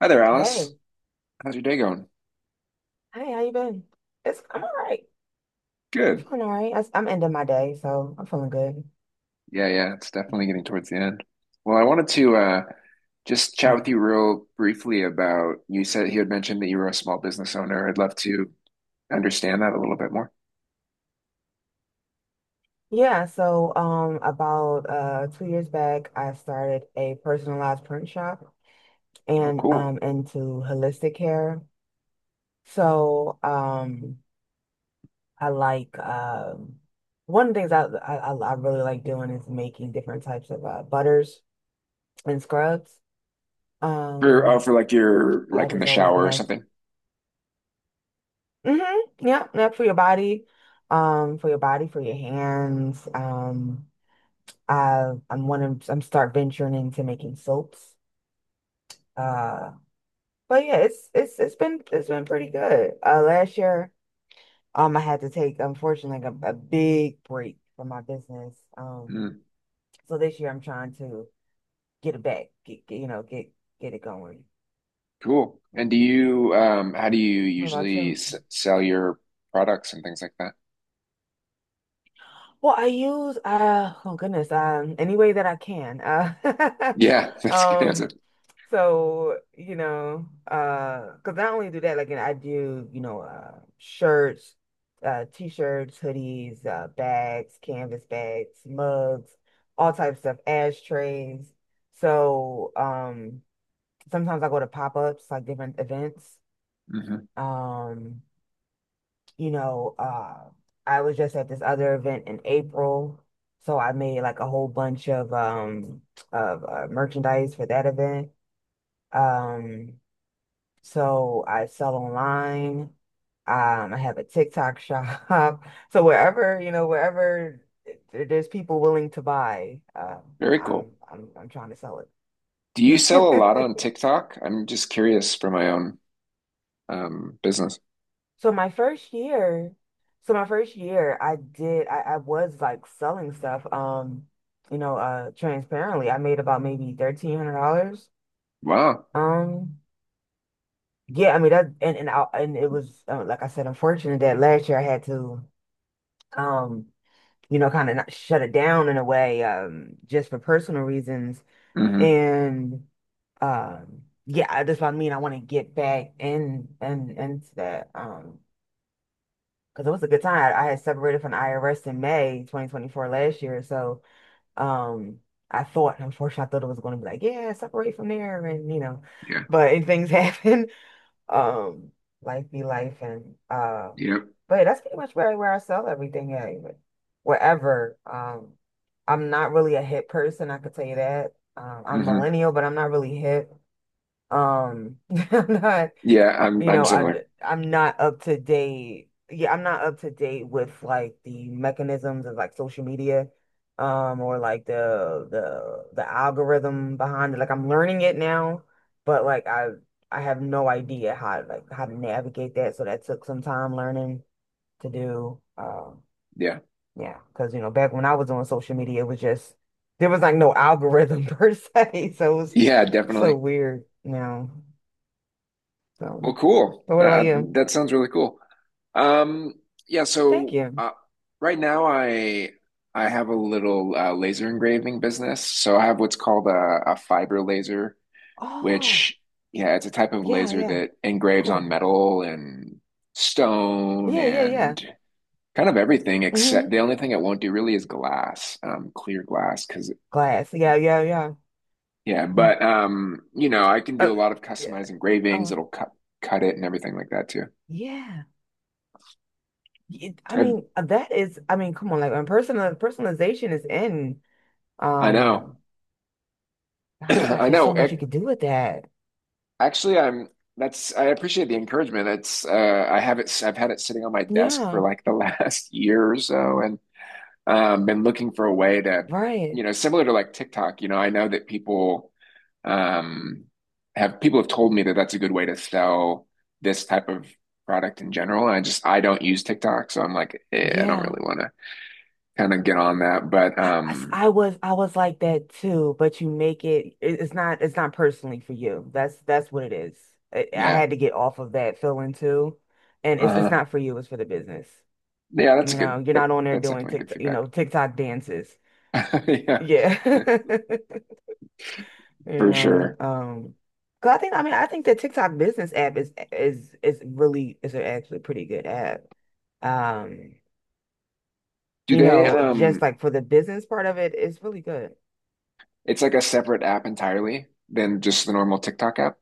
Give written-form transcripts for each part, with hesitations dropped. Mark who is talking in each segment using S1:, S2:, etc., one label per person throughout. S1: Hi there, Alice.
S2: Hey,
S1: How's your day going?
S2: hey, how you been? It's I'm all right. I'm
S1: Good.
S2: feeling all right. I'm ending my day, so I'm feeling good.
S1: Yeah, yeah, it's
S2: Yeah.
S1: definitely getting towards the end. Well, I wanted to just chat
S2: Yeah.
S1: with you real briefly about you said you had mentioned that you were a small business owner. I'd love to understand that a little bit more.
S2: Yeah, so about 2 years back I started a personalized print shop
S1: Oh,
S2: and
S1: cool.
S2: into holistic care. So I like one of the things I really like doing is making different types of butters and scrubs.
S1: For oh,
S2: Um
S1: for like your
S2: I
S1: like in the
S2: just always
S1: shower
S2: been
S1: or
S2: a.
S1: something.
S2: Mm-hmm. Yep, yep, for your body, for your hands. I I'm one of I'm start venturing into making soaps. Uh, but yeah, it's been pretty good. Last year, I had to take unfortunately like a big break from my business.
S1: Hmm.
S2: So this year I'm trying to get it back, get it going.
S1: Cool. And do you how do you
S2: What about
S1: usually
S2: you?
S1: s sell your products and things like that?
S2: Well, I use oh goodness, any way that I can.
S1: Yeah, that's a good answer.
S2: Um so you know because not only do that like I do you know shirts, t-shirts, hoodies, bags, canvas bags, mugs, all types of stuff, ashtrays. So sometimes I go to pop-ups like different events.
S1: Hmm.
S2: Um you know, uh, I was just at this other event in April, so I made like a whole bunch of merchandise for that event. Um, so I sell online. I have a TikTok shop. So wherever, wherever there's people willing to buy,
S1: Very cool.
S2: I'm trying to sell
S1: Do you sell a lot on
S2: it.
S1: TikTok? I'm just curious for my own business.
S2: So my first year, I was like selling stuff, transparently. I made about maybe $1,300.
S1: Wow.
S2: Um, yeah, I mean that, and it was like I said, unfortunate that last year I had to, um, kind of shut it down in a way, just for personal reasons.
S1: Hmm.
S2: And yeah, that's what I mean. I want to get back in and into that. Because it was a good time. I had separated from the IRS in May 2024 last year, so um, I thought, unfortunately, I thought it was going to be like, yeah, separate from there, and
S1: Yeah.
S2: but and things happen. Um, life be life, and
S1: Yep.
S2: but that's pretty much where I sell everything at, even wherever. I'm not really a hip person, I could tell you that. I'm
S1: Hmm.
S2: millennial, but I'm not really hip. Um, I'm not
S1: Yeah, I'm
S2: you
S1: I'm
S2: know, I
S1: similar.
S2: I'm not up to date. Yeah, I'm not up to date with like the mechanisms of like social media, or like the algorithm behind it. Like I'm learning it now, but like I have no idea how to navigate that. So that took some time learning to do.
S1: Yeah.
S2: Yeah, because back when I was on social media, it was just there was like no algorithm per se, so it was
S1: Yeah,
S2: so
S1: definitely.
S2: weird now. So,
S1: Well, cool.
S2: but what about
S1: That
S2: you?
S1: that sounds really cool. Um, yeah,
S2: Thank
S1: so
S2: you.
S1: right now I have a little laser engraving business. So I have what's called a fiber laser,
S2: Oh,
S1: which yeah, it's a type of
S2: yeah,
S1: laser
S2: yeah,
S1: that engraves on
S2: cool.
S1: metal and stone
S2: Yeah, yeah, yeah.
S1: and kind of everything except
S2: Mm-hmm.
S1: the only thing it won't do really is glass, clear glass. Because
S2: Glass. Yeah, yeah, yeah.
S1: yeah,
S2: Mm.
S1: but you know, I can do
S2: Uh,
S1: a lot of
S2: yeah.
S1: customized engravings.
S2: Oh,
S1: It'll cut it and everything like that too.
S2: yeah. I
S1: I
S2: mean, that is, I mean, come on, like when personalization is in,
S1: I know,
S2: um, gosh,
S1: I
S2: there's so
S1: know.
S2: much you could do with that.
S1: Actually, I'm. That's I appreciate the encouragement. It's I have it. I've had it sitting on my desk for
S2: Yeah,
S1: like the last year or so, and been looking for a way to,
S2: right.
S1: you know, similar to like TikTok. You know, I know that people um, have people have told me that that's a good way to sell this type of product in general. And I just I don't use TikTok, so I'm like, eh, I don't
S2: Yeah.
S1: really want to kind of get on that. But
S2: I, I s- I was I was like that too, but you make it, it's not personally for you. That's what it is. I
S1: yeah,
S2: had to get off of that feeling too. And it's
S1: uh-huh.
S2: not for you, it's for the business.
S1: Yeah, that's a
S2: You
S1: good
S2: know, you're
S1: that
S2: not on there
S1: that's
S2: doing
S1: definitely good
S2: TikTok,
S1: feedback.
S2: TikTok dances.
S1: Yeah,
S2: Yeah. You
S1: for
S2: know,
S1: sure.
S2: um 'cause I think I mean I think the TikTok business app is really is a actually pretty good app. Um,
S1: Do they
S2: just
S1: um?
S2: like for the business part of it, it's really good.
S1: It's like a separate app entirely than just the normal TikTok app.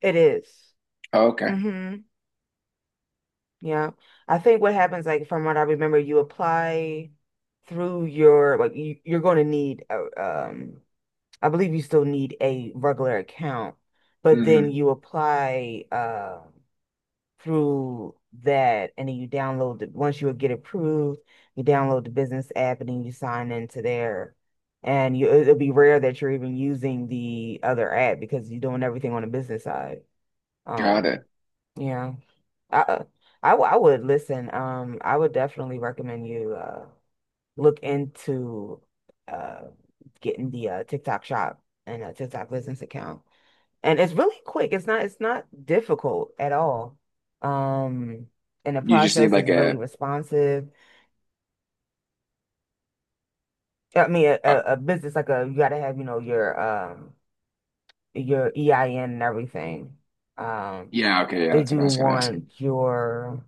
S2: It is.
S1: Oh, okay.
S2: Mm-hmm. Yeah. I think what happens, like from what I remember, you apply through your like you're going to need a, um I believe you still need a regular account, but then
S1: Mm-hmm.
S2: you apply through that and then you download it once you get approved, you download the business app and then you sign into there. And you it'll be rare that you're even using the other app because you're doing everything on the business side.
S1: Got
S2: Um,
S1: it.
S2: yeah. I I would listen. I would definitely recommend you look into uh getting the TikTok shop and a TikTok business account. And it's really quick. It's not difficult at all. Um, and the
S1: You just need
S2: process
S1: like
S2: is really
S1: a,
S2: responsive. I mean, a,
S1: uh,
S2: a a business like a you gotta have, your EIN and everything. Um,
S1: yeah, okay, yeah,
S2: they
S1: that's what I
S2: do
S1: was gonna ask.
S2: want your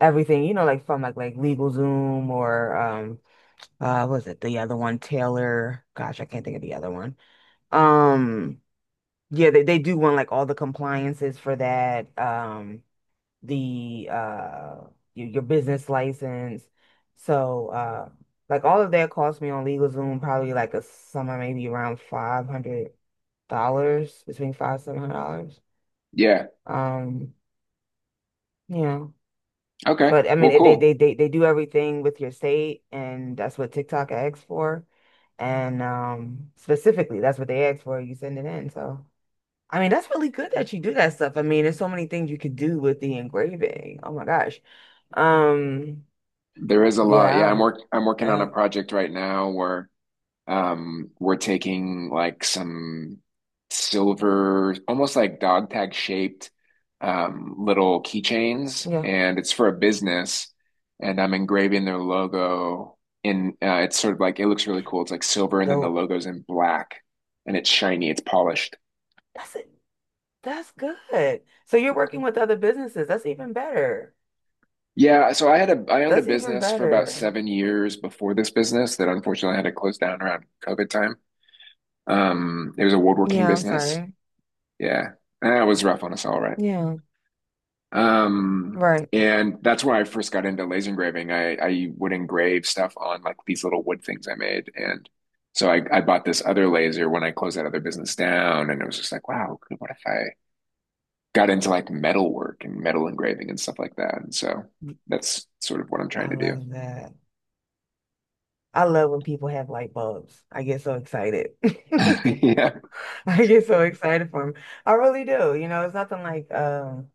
S2: everything, you know, like from LegalZoom or what was it the other one Taylor gosh I can't think of the other one um yeah they do want like all the compliances for that the uh your business license so like all of that cost me on LegalZoom probably like a summer maybe around $500 between five seven hundred dollars.
S1: Yeah.
S2: um you know
S1: Okay.
S2: But I mean,
S1: Well,
S2: it, they they
S1: cool.
S2: they they do everything with your state, and that's what TikTok asks for. And specifically, that's what they ask for. You send it in. So I mean, that's really good that you do that stuff. I mean, there's so many things you could do with the engraving. Oh my gosh. Um,
S1: There is a lot. Yeah, I'm
S2: yeah,
S1: work I'm working on a
S2: yeah,
S1: project right now where we're taking like some silver, almost like dog tag shaped little keychains,
S2: yeah.
S1: and it's for a business, and I'm engraving their logo in it's sort of like it looks really cool. It's like silver and then the
S2: Dope.
S1: logo's in black and it's shiny, it's polished.
S2: That's it. That's good. So you're working with other businesses. That's even better.
S1: Yeah, so I had a I owned a
S2: That's even
S1: business for about
S2: better.
S1: 7 years before this business that unfortunately had to close down around COVID time. It was a woodworking
S2: Yeah, I'm
S1: business.
S2: sorry.
S1: Yeah. That was rough on us all, right?
S2: Yeah, right.
S1: And that's where I first got into laser engraving. I would engrave stuff on like these little wood things I made. And so I bought this other laser when I closed that other business down. And it was just like, wow, cool. What if I got into like metal work and metal engraving and stuff like that? And so that's sort of what I'm
S2: I
S1: trying to do.
S2: love that. I love when people have light bulbs. I get so excited.
S1: Yeah.
S2: I get so excited for them. I really do. It's nothing like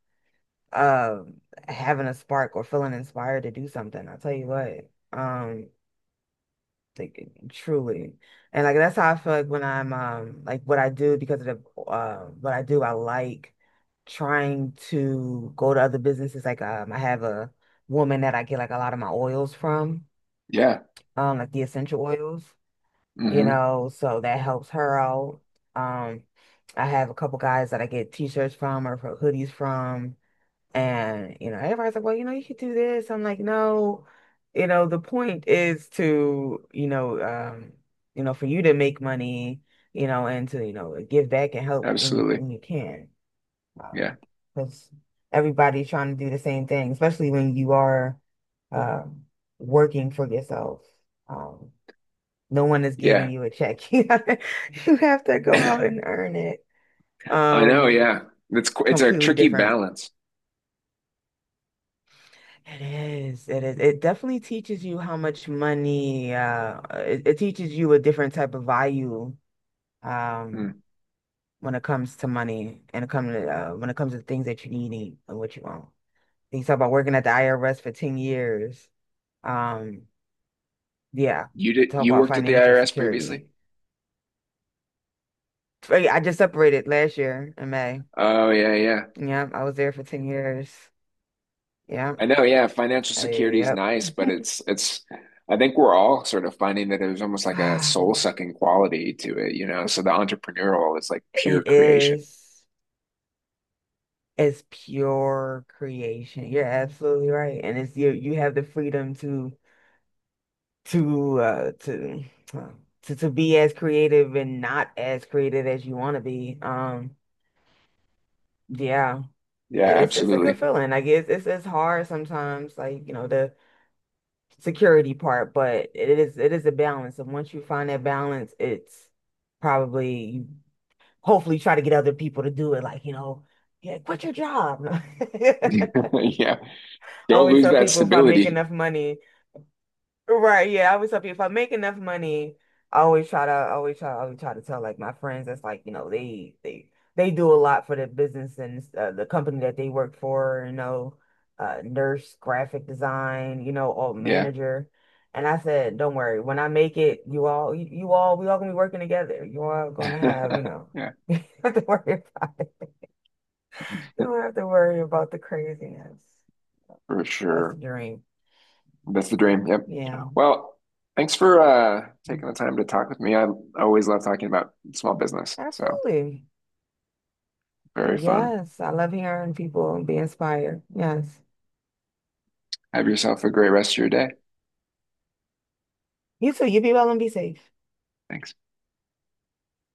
S2: um having a spark or feeling inspired to do something. I'll tell you what. Like, truly. And like that's how I feel like when I'm like what I do because of the what I do, I like trying to go to other businesses. Like I have a woman that I get like a lot of my oils from,
S1: Yeah.
S2: like the essential oils. you
S1: Hmm.
S2: know, so that helps her out. Um, I have a couple guys that I get t-shirts from or for hoodies from, and everybody's like, well, you could do this. I'm like, no, the point is to, for you to make money, and to, give back and help when you
S1: Absolutely.
S2: when you can.
S1: Yeah.
S2: Um, because everybody's trying to do the same thing, especially when you are uh, working for yourself. Um, no one is giving
S1: Yeah.
S2: you a check. You have to go
S1: I
S2: out and earn it.
S1: know.
S2: Um,
S1: Yeah. It's a
S2: completely
S1: tricky
S2: different.
S1: balance.
S2: It is. It is. It definitely teaches you how much money, it teaches you a different type of value, um,
S1: Mm.
S2: when it comes to money and it comes to, when it comes to things that you need and what you want. You talk about working at the IRS for 10 years. Um, yeah,
S1: You did
S2: talk
S1: you
S2: about
S1: worked at the
S2: financial
S1: IRS previously?
S2: security. I just separated last year in May.
S1: Oh yeah, yeah.
S2: Yeah, I was there for 10 years. Yeah.
S1: I know, yeah. Financial security is
S2: Yep.
S1: nice, but it's I think we're all sort of finding that there's almost like a soul-sucking quality to it, you know. So the entrepreneurial is like pure
S2: It
S1: creation.
S2: is it's pure creation. You're absolutely right. And it's you you have the freedom to uh to uh, to be as creative and not as creative as you want to be. Yeah.
S1: Yeah,
S2: It's a good
S1: absolutely.
S2: feeling. Like it's hard sometimes, like, the security part, but it is a balance. And once you find that balance, it's probably hopefully try to get other people to do it. Like, yeah, quit your job. I
S1: Yeah. Don't
S2: always
S1: lose
S2: tell
S1: that
S2: people if I make
S1: stability.
S2: enough money, right? Yeah, I always tell people if I make enough money, I always try to, I always try to tell like my friends that's like, they do a lot for the business and the company that they work for. Nurse, graphic design, all
S1: Yeah.
S2: manager. And I said, don't worry, when I make it, you all, we all gonna be working together. You all gonna have,
S1: Yeah,
S2: nothing to worry about it. You don't have to worry about the craziness.
S1: for
S2: That's the
S1: sure.
S2: dream.
S1: That's the dream. Yep.
S2: Yeah.
S1: Well, thanks for taking the
S2: Mhm.
S1: time to talk with me. I always love talking about small business. So
S2: Absolutely.
S1: very fun.
S2: Yes, I love hearing people be inspired. Yes.
S1: Have yourself a great rest of your day.
S2: You too. You be well and be safe.
S1: Thanks.